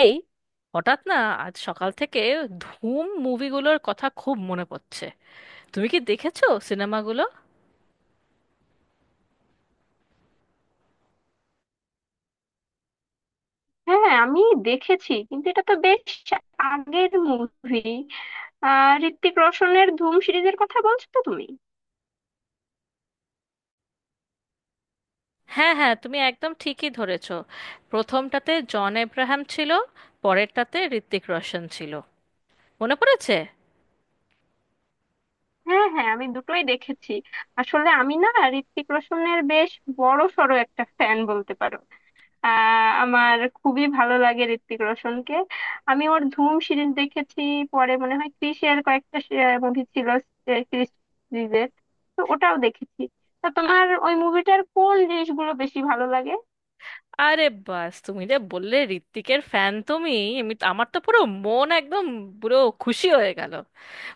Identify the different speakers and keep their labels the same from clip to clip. Speaker 1: এই, হঠাৎ না, আজ সকাল থেকে ধুম মুভিগুলোর কথা খুব মনে পড়ছে। তুমি কি দেখেছো সিনেমাগুলো?
Speaker 2: হ্যাঁ, আমি দেখেছি, কিন্তু এটা তো বেশ আগের মুভি। ঋত্বিক রোশনের ধুম সিরিজের কথা বলছো তো তুমি?
Speaker 1: হ্যাঁ, হ্যাঁ, তুমি একদম ঠিকই ধরেছো। প্রথমটাতে জন এব্রাহাম ছিল। পরেরটাতে ঋত্বিক রোশন ছিল। মনে পড়েছে।
Speaker 2: হ্যাঁ হ্যাঁ, আমি দুটোই দেখেছি। আসলে আমি না, ঋত্বিক রোশনের বেশ বড় সড়ো একটা ফ্যান বলতে পারো। আমার খুবই ভালো লাগে ঋত্বিক রোশনকে। আমি ওর ধুম সিরিজ দেখেছি, পরে মনে হয় ক্রিসের কয়েকটা মুভি ছিল, ক্রিস সিরিজের, তো ওটাও দেখেছি। তা
Speaker 1: আ-
Speaker 2: তোমার ওই মুভিটার কোন জিনিসগুলো বেশি ভালো লাগে?
Speaker 1: আরে বাস! তুমি যে বললে ঋত্বিকের ফ্যান তুমি। আমি আমার তো পুরো মন একদম, পুরো খুশি হয়ে গেল।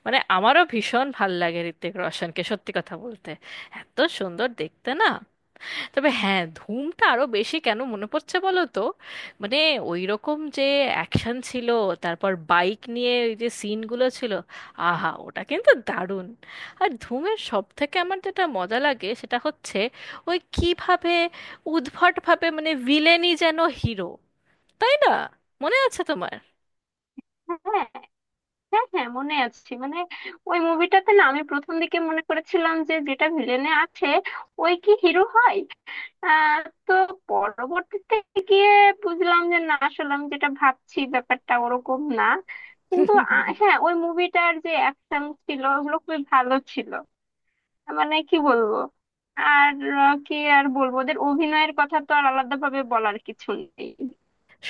Speaker 1: মানে, আমারও ভীষণ ভাল লাগে ঋত্বিক রোশনকে, সত্যি কথা বলতে। এত সুন্দর দেখতে, না? তবে হ্যাঁ, ধুমটা আরো বেশি কেন মনে পড়ছে বলো তো। মানে, ওই রকম যে অ্যাকশন ছিল, তারপর বাইক নিয়ে ওই যে সিনগুলো ছিল, আহা ওটা কিন্তু দারুণ। আর ধুমের সব থেকে আমার যেটা মজা লাগে সেটা হচ্ছে ওই, কিভাবে উদ্ভটভাবে মানে ভিলেনই যেন হিরো, তাই না? মনে আছে তোমার?
Speaker 2: হ্যাঁ হ্যাঁ হ্যাঁ, মনে আছে। মানে ওই মুভিটাতে না, আমি প্রথম দিকে মনে করেছিলাম যে যেটা ভিলেনে আছে ওই কি হিরো হয়। আহ তো পরবর্তীতে গিয়ে বুঝলাম যে না, আসলে আমি যেটা ভাবছি ব্যাপারটা ওরকম না। কিন্তু হ্যাঁ, ওই মুভিটার যে অ্যাকশন ছিল ওগুলো খুবই ভালো ছিল, মানে কি বলবো। আর কি আর বলবো, ওদের অভিনয়ের কথা তো আর আলাদাভাবে বলার কিছু নেই।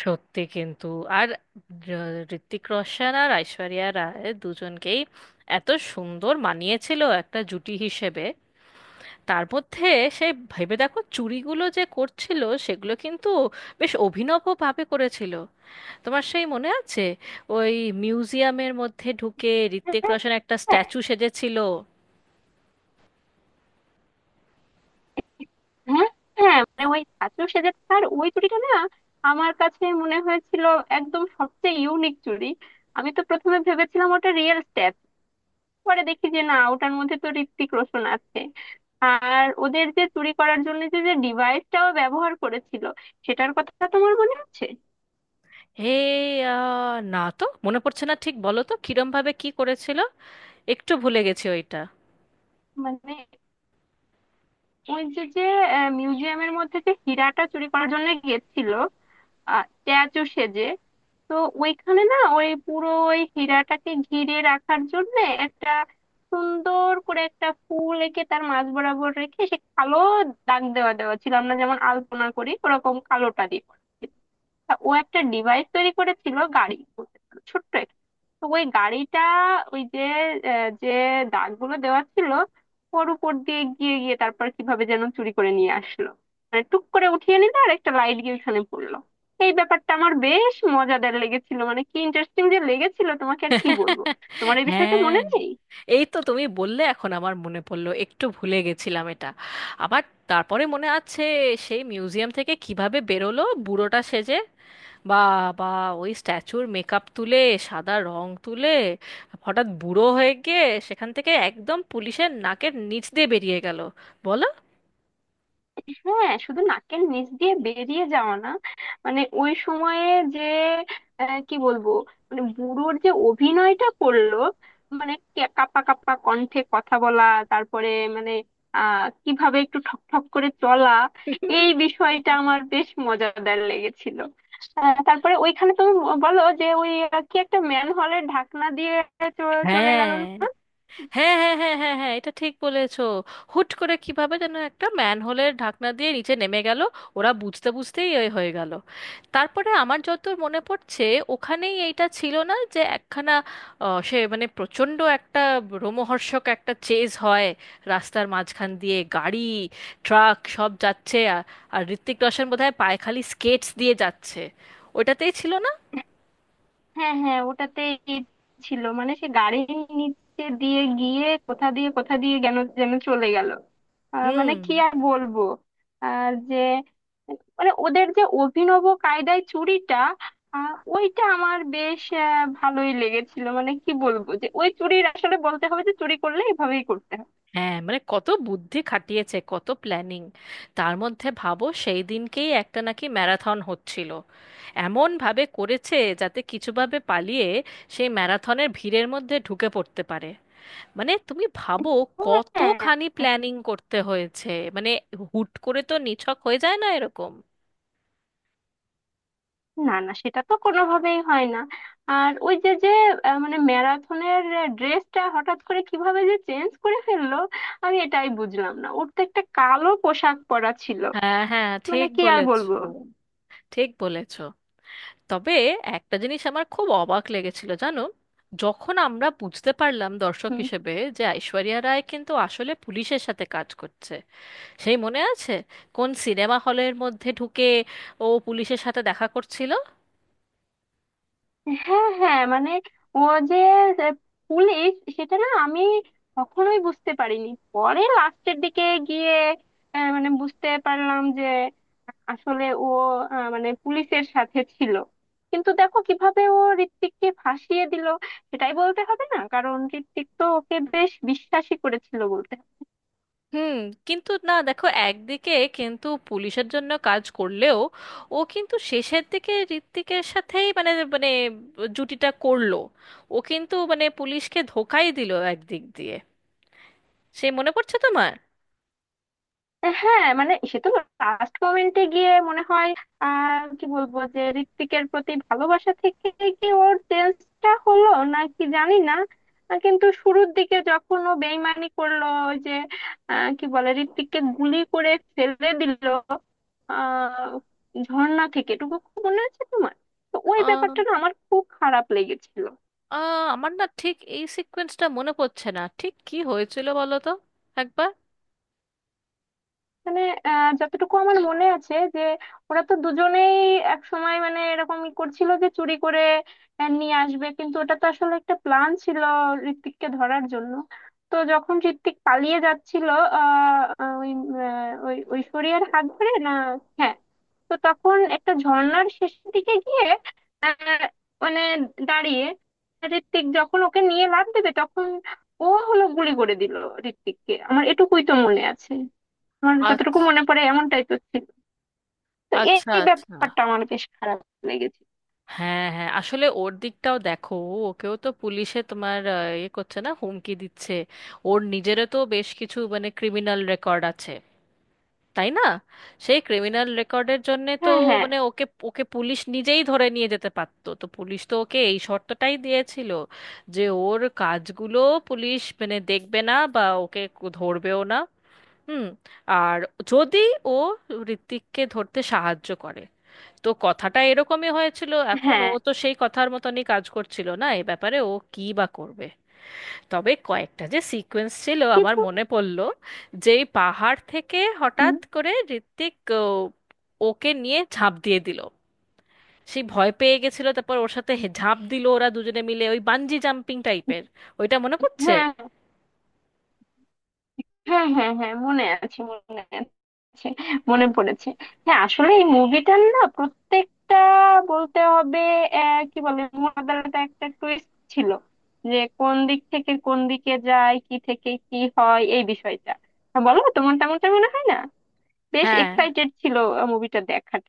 Speaker 1: সত্যি কিন্তু। আর ঋত্বিক রোশন আর ঐশ্বরিয়া রায় দুজনকেই এত সুন্দর মানিয়েছিল একটা জুটি হিসেবে। তার মধ্যে সে, ভেবে দেখো, চুরিগুলো যে করছিল সেগুলো কিন্তু বেশ অভিনবভাবে করেছিল। তোমার সেই মনে আছে? ওই মিউজিয়ামের মধ্যে ঢুকে ঋত্বিক
Speaker 2: হ্যাঁ,
Speaker 1: রোশন একটা
Speaker 2: হ্যাঁ।
Speaker 1: স্ট্যাচু সেজেছিল।
Speaker 2: হ্যাঁ হ্যাঁ, মানে ওই ধাঁচও সেজে থাকার ওই চুড়িটা না, আমার কাছে মনে হয়েছিল একদম সবচেয়ে ইউনিক চুড়ি। আমি তো প্রথমে ভেবেছিলাম ওটা রিয়েল স্ট্যাপ, পরে দেখি যে না, ওটার মধ্যে তো ঋত্বিক রোশন আছে। আর ওদের যে চুরি করার জন্য যে যে ডিভাইসটাও ব্যবহার করেছিল, সেটার কথা তোমার মনে আছে?
Speaker 1: হে না তো মনে পড়ছে না ঠিক, বলো তো কিরম ভাবে কি করেছিল। একটু ভুলে গেছি ওইটা।
Speaker 2: মানে ওই যে যে মিউজিয়ামের মধ্যে যে হীরাটা চুরি করার জন্য গেছিল স্ট্যাচু সেজে, তো ওইখানে না, ওই পুরো ওই হীরাটাকে ঘিরে রাখার জন্য একটা সুন্দর করে একটা ফুল এঁকে তার মাঝ বরাবর রেখে সে কালো দাগ দেওয়া দেওয়া ছিল, আমরা যেমন আলপনা করি ওরকম কালোটা দিয়ে করা ছিল। তা ও একটা ডিভাইস তৈরি করেছিল, গাড়ি বলতে পারো, ছোট্ট। তো ওই গাড়িটা ওই যে আহ, যে দাগগুলো দেওয়া ছিল ওর উপর দিয়ে গিয়ে গিয়ে তারপর কিভাবে যেন চুরি করে নিয়ে আসলো, মানে টুক করে উঠিয়ে নিল, আর একটা লাইট গিয়ে ওখানে পড়লো। এই ব্যাপারটা আমার বেশ মজাদার লেগেছিল, মানে কি ইন্টারেস্টিং যে লেগেছিল তোমাকে আর কি বলবো। তোমার এই বিষয়টা
Speaker 1: হ্যাঁ,
Speaker 2: মনে নেই?
Speaker 1: এই তো তুমি বললে এখন আমার মনে পড়লো, একটু ভুলে গেছিলাম এটা আবার। তারপরে মনে আছে সেই মিউজিয়াম থেকে কিভাবে বেরোলো বুড়োটা সেজে? বাবা! ওই স্ট্যাচুর মেকআপ তুলে, সাদা রং তুলে, হঠাৎ বুড়ো হয়ে গিয়ে সেখান থেকে একদম পুলিশের নাকের নিচ দিয়ে বেরিয়ে গেল, বলো!
Speaker 2: হ্যাঁ, শুধু নাকের নিচ দিয়ে বেরিয়ে যাওয়া না, মানে ওই সময়ে যে আহ, কি বলবো মানে বুড়োর যে অভিনয়টা করলো, মানে কাঁপা কাঁপা কণ্ঠে কথা বলা, তারপরে মানে আহ কিভাবে একটু ঠক ঠক করে চলা, এই বিষয়টা আমার বেশ মজাদার লেগেছিল। তারপরে ওইখানে তুমি বলো যে ওই কি একটা ম্যান হলের ঢাকনা দিয়ে চলে গেল
Speaker 1: হ্যাঁ,
Speaker 2: না।
Speaker 1: হ্যাঁ, হ্যাঁ, হ্যাঁ, হ্যাঁ, হ্যাঁ, এটা ঠিক বলেছো। হুট করে কিভাবে যেন একটা ম্যানহোলের ঢাকনা দিয়ে নিচে নেমে গেল। ওরা বুঝতে বুঝতেই এ হয়ে গেল। তারপরে আমার যতদূর মনে পড়ছে, ওখানেই এইটা ছিল না যে একখানা, সে মানে প্রচণ্ড একটা রোমহর্ষক একটা চেজ হয়। রাস্তার মাঝখান দিয়ে গাড়ি, ট্রাক সব যাচ্ছে, আর আর ঋত্বিক রোশন বোধহয় পায়খালি স্কেটস দিয়ে যাচ্ছে। ওটাতেই ছিল না?
Speaker 2: হ্যাঁ হ্যাঁ, ওটাতে ছিল। মানে সে গাড়ির নিচে দিয়ে গিয়ে কোথা দিয়ে যেন যেন চলে গেল, মানে
Speaker 1: হুম,
Speaker 2: কি আর বলবো। আর যে মানে ওদের যে অভিনব কায়দায় চুরিটা, ওইটা আমার বেশ ভালোই লেগেছিল, মানে কি বলবো, যে ওই চুরির আসলে বলতে হবে যে চুরি করলে এভাবেই করতে হবে।
Speaker 1: হ্যাঁ, মানে কত বুদ্ধি খাটিয়েছে, কত প্ল্যানিং। তার মধ্যে ভাবো, সেই দিনকেই একটা নাকি ম্যারাথন হচ্ছিল। এমন ভাবে করেছে যাতে কিছুভাবে পালিয়ে সেই ম্যারাথনের ভিড়ের মধ্যে ঢুকে পড়তে পারে। মানে, তুমি ভাবো
Speaker 2: হ্যাঁ।
Speaker 1: কতখানি প্ল্যানিং করতে হয়েছে। মানে, হুট করে তো নিছক হয়ে যায় না এরকম।
Speaker 2: না না, সেটা তো কোনোভাবেই হয় না। আর ওই যে যে আহ, মানে ম্যারাথনের ড্রেসটা হঠাৎ করে কিভাবে যে চেঞ্জ করে ফেললো, আমি এটাই বুঝলাম না, ওর তো একটা কালো পোশাক পরা ছিল,
Speaker 1: হ্যাঁ, হ্যাঁ,
Speaker 2: মানে
Speaker 1: ঠিক
Speaker 2: কি আর
Speaker 1: বলেছো।
Speaker 2: বলবো।
Speaker 1: ঠিক বলেছো। তবে একটা জিনিস আমার খুব অবাক লেগেছিল, জানো। যখন আমরা বুঝতে পারলাম দর্শক হিসেবে যে ঐশ্বরিয়া রায় কিন্তু আসলে পুলিশের সাথে কাজ করছে। সেই মনে আছে? কোন সিনেমা হলের মধ্যে ঢুকে ও পুলিশের সাথে দেখা করছিল।
Speaker 2: হ্যাঁ হ্যাঁ, মানে ও যে যে পুলিশ, সেটা না আমি কখনোই বুঝতে পারিনি, পরে লাস্টের দিকে গিয়ে মানে বুঝতে পারলাম যে আসলে ও মানে পুলিশের সাথে ছিল। কিন্তু দেখো কিভাবে ও ঋত্বিককে ফাঁসিয়ে দিল, সেটাই বলতে হবে না, কারণ ঋত্বিক তো ওকে বেশ বিশ্বাসী করেছিল বলতে হবে।
Speaker 1: হুম, কিন্তু না দেখো, একদিকে কিন্তু পুলিশের জন্য কাজ করলেও ও কিন্তু শেষের দিকে ঋত্বিকের সাথেই মানে মানে জুটিটা করলো। ও কিন্তু মানে পুলিশকে ধোকাই দিল একদিক দিয়ে, সে মনে পড়ছে তোমার?
Speaker 2: হ্যাঁ, মানে সে তো লাস্ট মোমেন্টে গিয়ে মনে হয়, কি বলবো, যে ঋত্বিকের প্রতি ভালোবাসা থেকে কি ওর চেঞ্জটা হলো নাকি জানি না। কিন্তু শুরুর দিকে যখন ও বেইমানি করলো, ওই যে কি বলে ঋত্বিককে গুলি করে ফেলে দিল আহ ঝর্ণা থেকে, এটুকু খুব মনে আছে তোমার? তো ওই ব্যাপারটা না আমার খুব খারাপ লেগেছিল।
Speaker 1: আমার না ঠিক এই সিকোয়েন্সটা মনে পড়ছে না, ঠিক কি হয়েছিল বলো তো একবার।
Speaker 2: মানে যতটুকু আমার মনে আছে যে ওরা তো দুজনেই এক সময় মানে এরকম ই করছিল যে চুরি করে নিয়ে আসবে, কিন্তু ওটা তো আসলে একটা প্ল্যান ছিল ঋত্বিককে ধরার জন্য। তো যখন ঋত্বিক পালিয়ে যাচ্ছিল আহ আহ, ওই আহ, ওই ঐশ্বরিয়ার হাত ধরে না। হ্যাঁ। তো তখন একটা ঝর্ণার শেষের দিকে গিয়ে আহ, মানে দাঁড়িয়ে ঋত্বিক যখন ওকে নিয়ে লাফ দেবে, তখন ও হলো গুলি করে দিল ঋত্বিককে। আমার এটুকুই তো মনে আছে, আমার যতটুকু
Speaker 1: আচ্ছা,
Speaker 2: মনে পড়ে এমনটাই তো ছিল। তো এই
Speaker 1: আচ্ছা,
Speaker 2: এই
Speaker 1: আচ্ছা।
Speaker 2: ব্যাপারটা আমার বেশ খারাপ লেগেছে।
Speaker 1: হ্যাঁ, হ্যাঁ, আসলে ওর দিকটাও দেখো, ওকেও তো পুলিশে তোমার ইয়ে করছে না, হুমকি দিচ্ছে। ওর নিজেরও তো বেশ কিছু মানে ক্রিমিনাল রেকর্ড আছে, তাই না? সেই ক্রিমিনাল রেকর্ডের জন্যে তো
Speaker 2: হ্যাঁ হ্যাঁ
Speaker 1: মানে ওকে ওকে পুলিশ নিজেই ধরে নিয়ে যেতে পারতো, তো পুলিশ তো ওকে এই শর্তটাই দিয়েছিল, যে ওর কাজগুলো পুলিশ মানে দেখবে না বা ওকে ধরবেও না। হুম। আর যদি ও ঋত্বিককে ধরতে সাহায্য করে, তো কথাটা এরকমই হয়েছিল, এখন ও
Speaker 2: হ্যাঁ।
Speaker 1: তো সেই কথার মতনই কাজ করছিল না, এ ব্যাপারে ও কি বা করবে। তবে কয়েকটা যে সিকোয়েন্স ছিল আমার
Speaker 2: কিন্তু
Speaker 1: মনে পড়ল, যেই পাহাড় থেকে
Speaker 2: হুম,
Speaker 1: হঠাৎ করে ঋত্বিক ও, ওকে নিয়ে ঝাঁপ দিয়ে দিল। সেই ভয় পেয়ে গেছিল, তারপর ওর সাথে ঝাঁপ দিল ওরা দুজনে মিলে ওই বানজি জাম্পিং টাইপের। ওইটা মনে পড়ছে?
Speaker 2: হ্যাঁ হ্যাঁ হ্যাঁ হ্যাঁ, মনে আছে মনে আছে, মনে পড়েছে। হ্যাঁ, আসলে এই মুভিটার না প্রত্যেকটা বলতে হবে, কি বলে মোনাজারটা একটা টুইস্ট ছিল, যে কোন দিক থেকে কোন দিকে যায়, কি থেকে কি হয়, এই বিষয়টা। হ্যাঁ, বলো তোমার তেমনটা মনে হয় না? বেশ
Speaker 1: হ্যাঁ,
Speaker 2: এক্সাইটেড ছিল মুভিটা দেখার।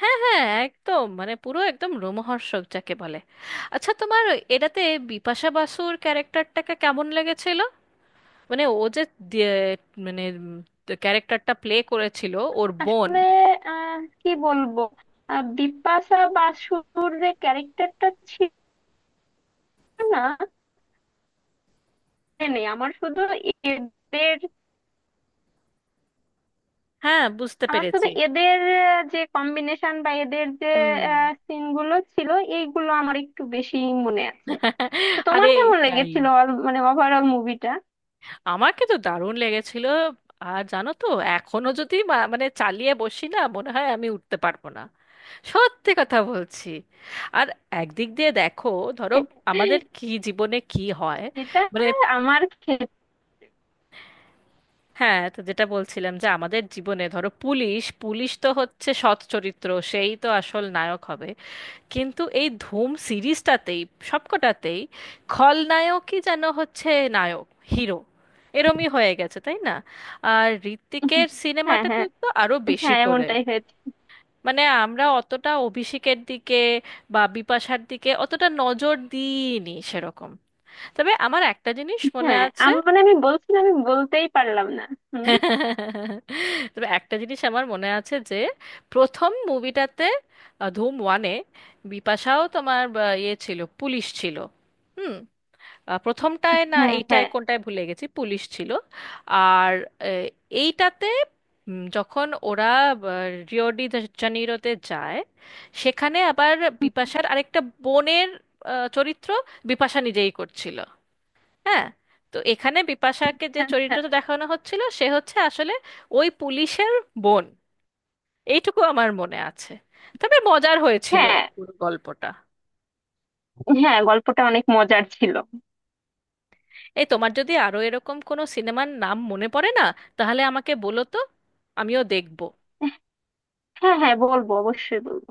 Speaker 1: হ্যাঁ, হ্যাঁ, একদম, মানে পুরো একদম রোমহর্ষক যাকে বলে। আচ্ছা, তোমার এটাতে বিপাশা বাসুর ক্যারেক্টারটাকে কেমন লেগেছিল? মানে ও যে দিয়ে- মানে ক্যারেক্টারটা প্লে করেছিল, ওর বোন।
Speaker 2: আসলে আহ কি বলবো আহ, বিপাশা বাসুর যে ক্যারেক্টারটা ছিল, না মানে আমার শুধু এদের,
Speaker 1: হ্যাঁ, বুঝতে
Speaker 2: আমার শুধু
Speaker 1: পেরেছি।
Speaker 2: এদের যে কম্বিনেশন বা এদের যে
Speaker 1: হুম।
Speaker 2: সিনগুলো ছিল এইগুলো আমার একটু বেশি মনে আছে। তো তোমার
Speaker 1: আরে
Speaker 2: কেমন
Speaker 1: এটাই!
Speaker 2: লেগেছিল মানে ওভারঅল মুভিটা?
Speaker 1: আমাকে তো দারুণ লেগেছিল। আর জানো তো, এখনো যদি মানে চালিয়ে বসি না, মনে হয় আমি উঠতে পারবো না। সত্যি কথা বলছি। আর একদিক দিয়ে দেখো, ধরো আমাদের কি জীবনে কি হয়,
Speaker 2: এটা
Speaker 1: মানে।
Speaker 2: আমার ক্ষেত্রে।
Speaker 1: হ্যাঁ, তো যেটা বলছিলাম যে আমাদের জীবনে ধরো পুলিশ পুলিশ তো হচ্ছে সৎ চরিত্র, সেই তো আসল নায়ক হবে। কিন্তু এই ধুম সিরিজটাতেই সবকটাতেই খলনায়কই যেন হচ্ছে নায়ক, হিরো। এরমই হয়ে গেছে, তাই না? আর ঋত্বিকের
Speaker 2: হ্যাঁ
Speaker 1: সিনেমাটাতে
Speaker 2: হ্যাঁ
Speaker 1: তো আরো বেশি
Speaker 2: হ্যাঁ,
Speaker 1: করে।
Speaker 2: এমনটাই হয়েছে।
Speaker 1: মানে আমরা অতটা অভিষেকের দিকে বা বিপাশার দিকে অতটা নজর দিইনি সেরকম। তবে আমার একটা জিনিস মনে
Speaker 2: হ্যাঁ,
Speaker 1: আছে।
Speaker 2: আমি মানে আমি বলছিলাম, আমি বলতেই পারলাম না। হুম।
Speaker 1: তবে একটা জিনিস আমার মনে আছে, যে প্রথম মুভিটাতে ধুম ওয়ানে বিপাশাও তোমার ইয়ে ছিল, পুলিশ ছিল। হুম। প্রথমটায় না
Speaker 2: হ্যাঁ
Speaker 1: এইটায়
Speaker 2: হ্যাঁ।
Speaker 1: কোনটায় ভুলে গেছি, পুলিশ ছিল। আর আহ, এইটাতে যখন ওরা রিও ডি জানিরোতে যায়, সেখানে আবার বিপাশার আরেকটা বোনের চরিত্র বিপাশা নিজেই করছিল। হ্যাঁ, তো এখানে বিপাশাকে যে
Speaker 2: আচ্ছা।
Speaker 1: চরিত্রটা দেখানো হচ্ছিল সে হচ্ছে আসলে ওই পুলিশের বোন, এইটুকু আমার মনে আছে। তবে মজার হয়েছিল
Speaker 2: হ্যাঁ
Speaker 1: পুরো গল্পটা।
Speaker 2: হ্যাঁ, গল্পটা অনেক মজার ছিল।
Speaker 1: এই, তোমার যদি আরো এরকম কোনো সিনেমার নাম মনে পড়ে না, তাহলে আমাকে বলো তো, আমিও দেখবো।
Speaker 2: হ্যাঁ হ্যাঁ, বলবো, অবশ্যই বলবো।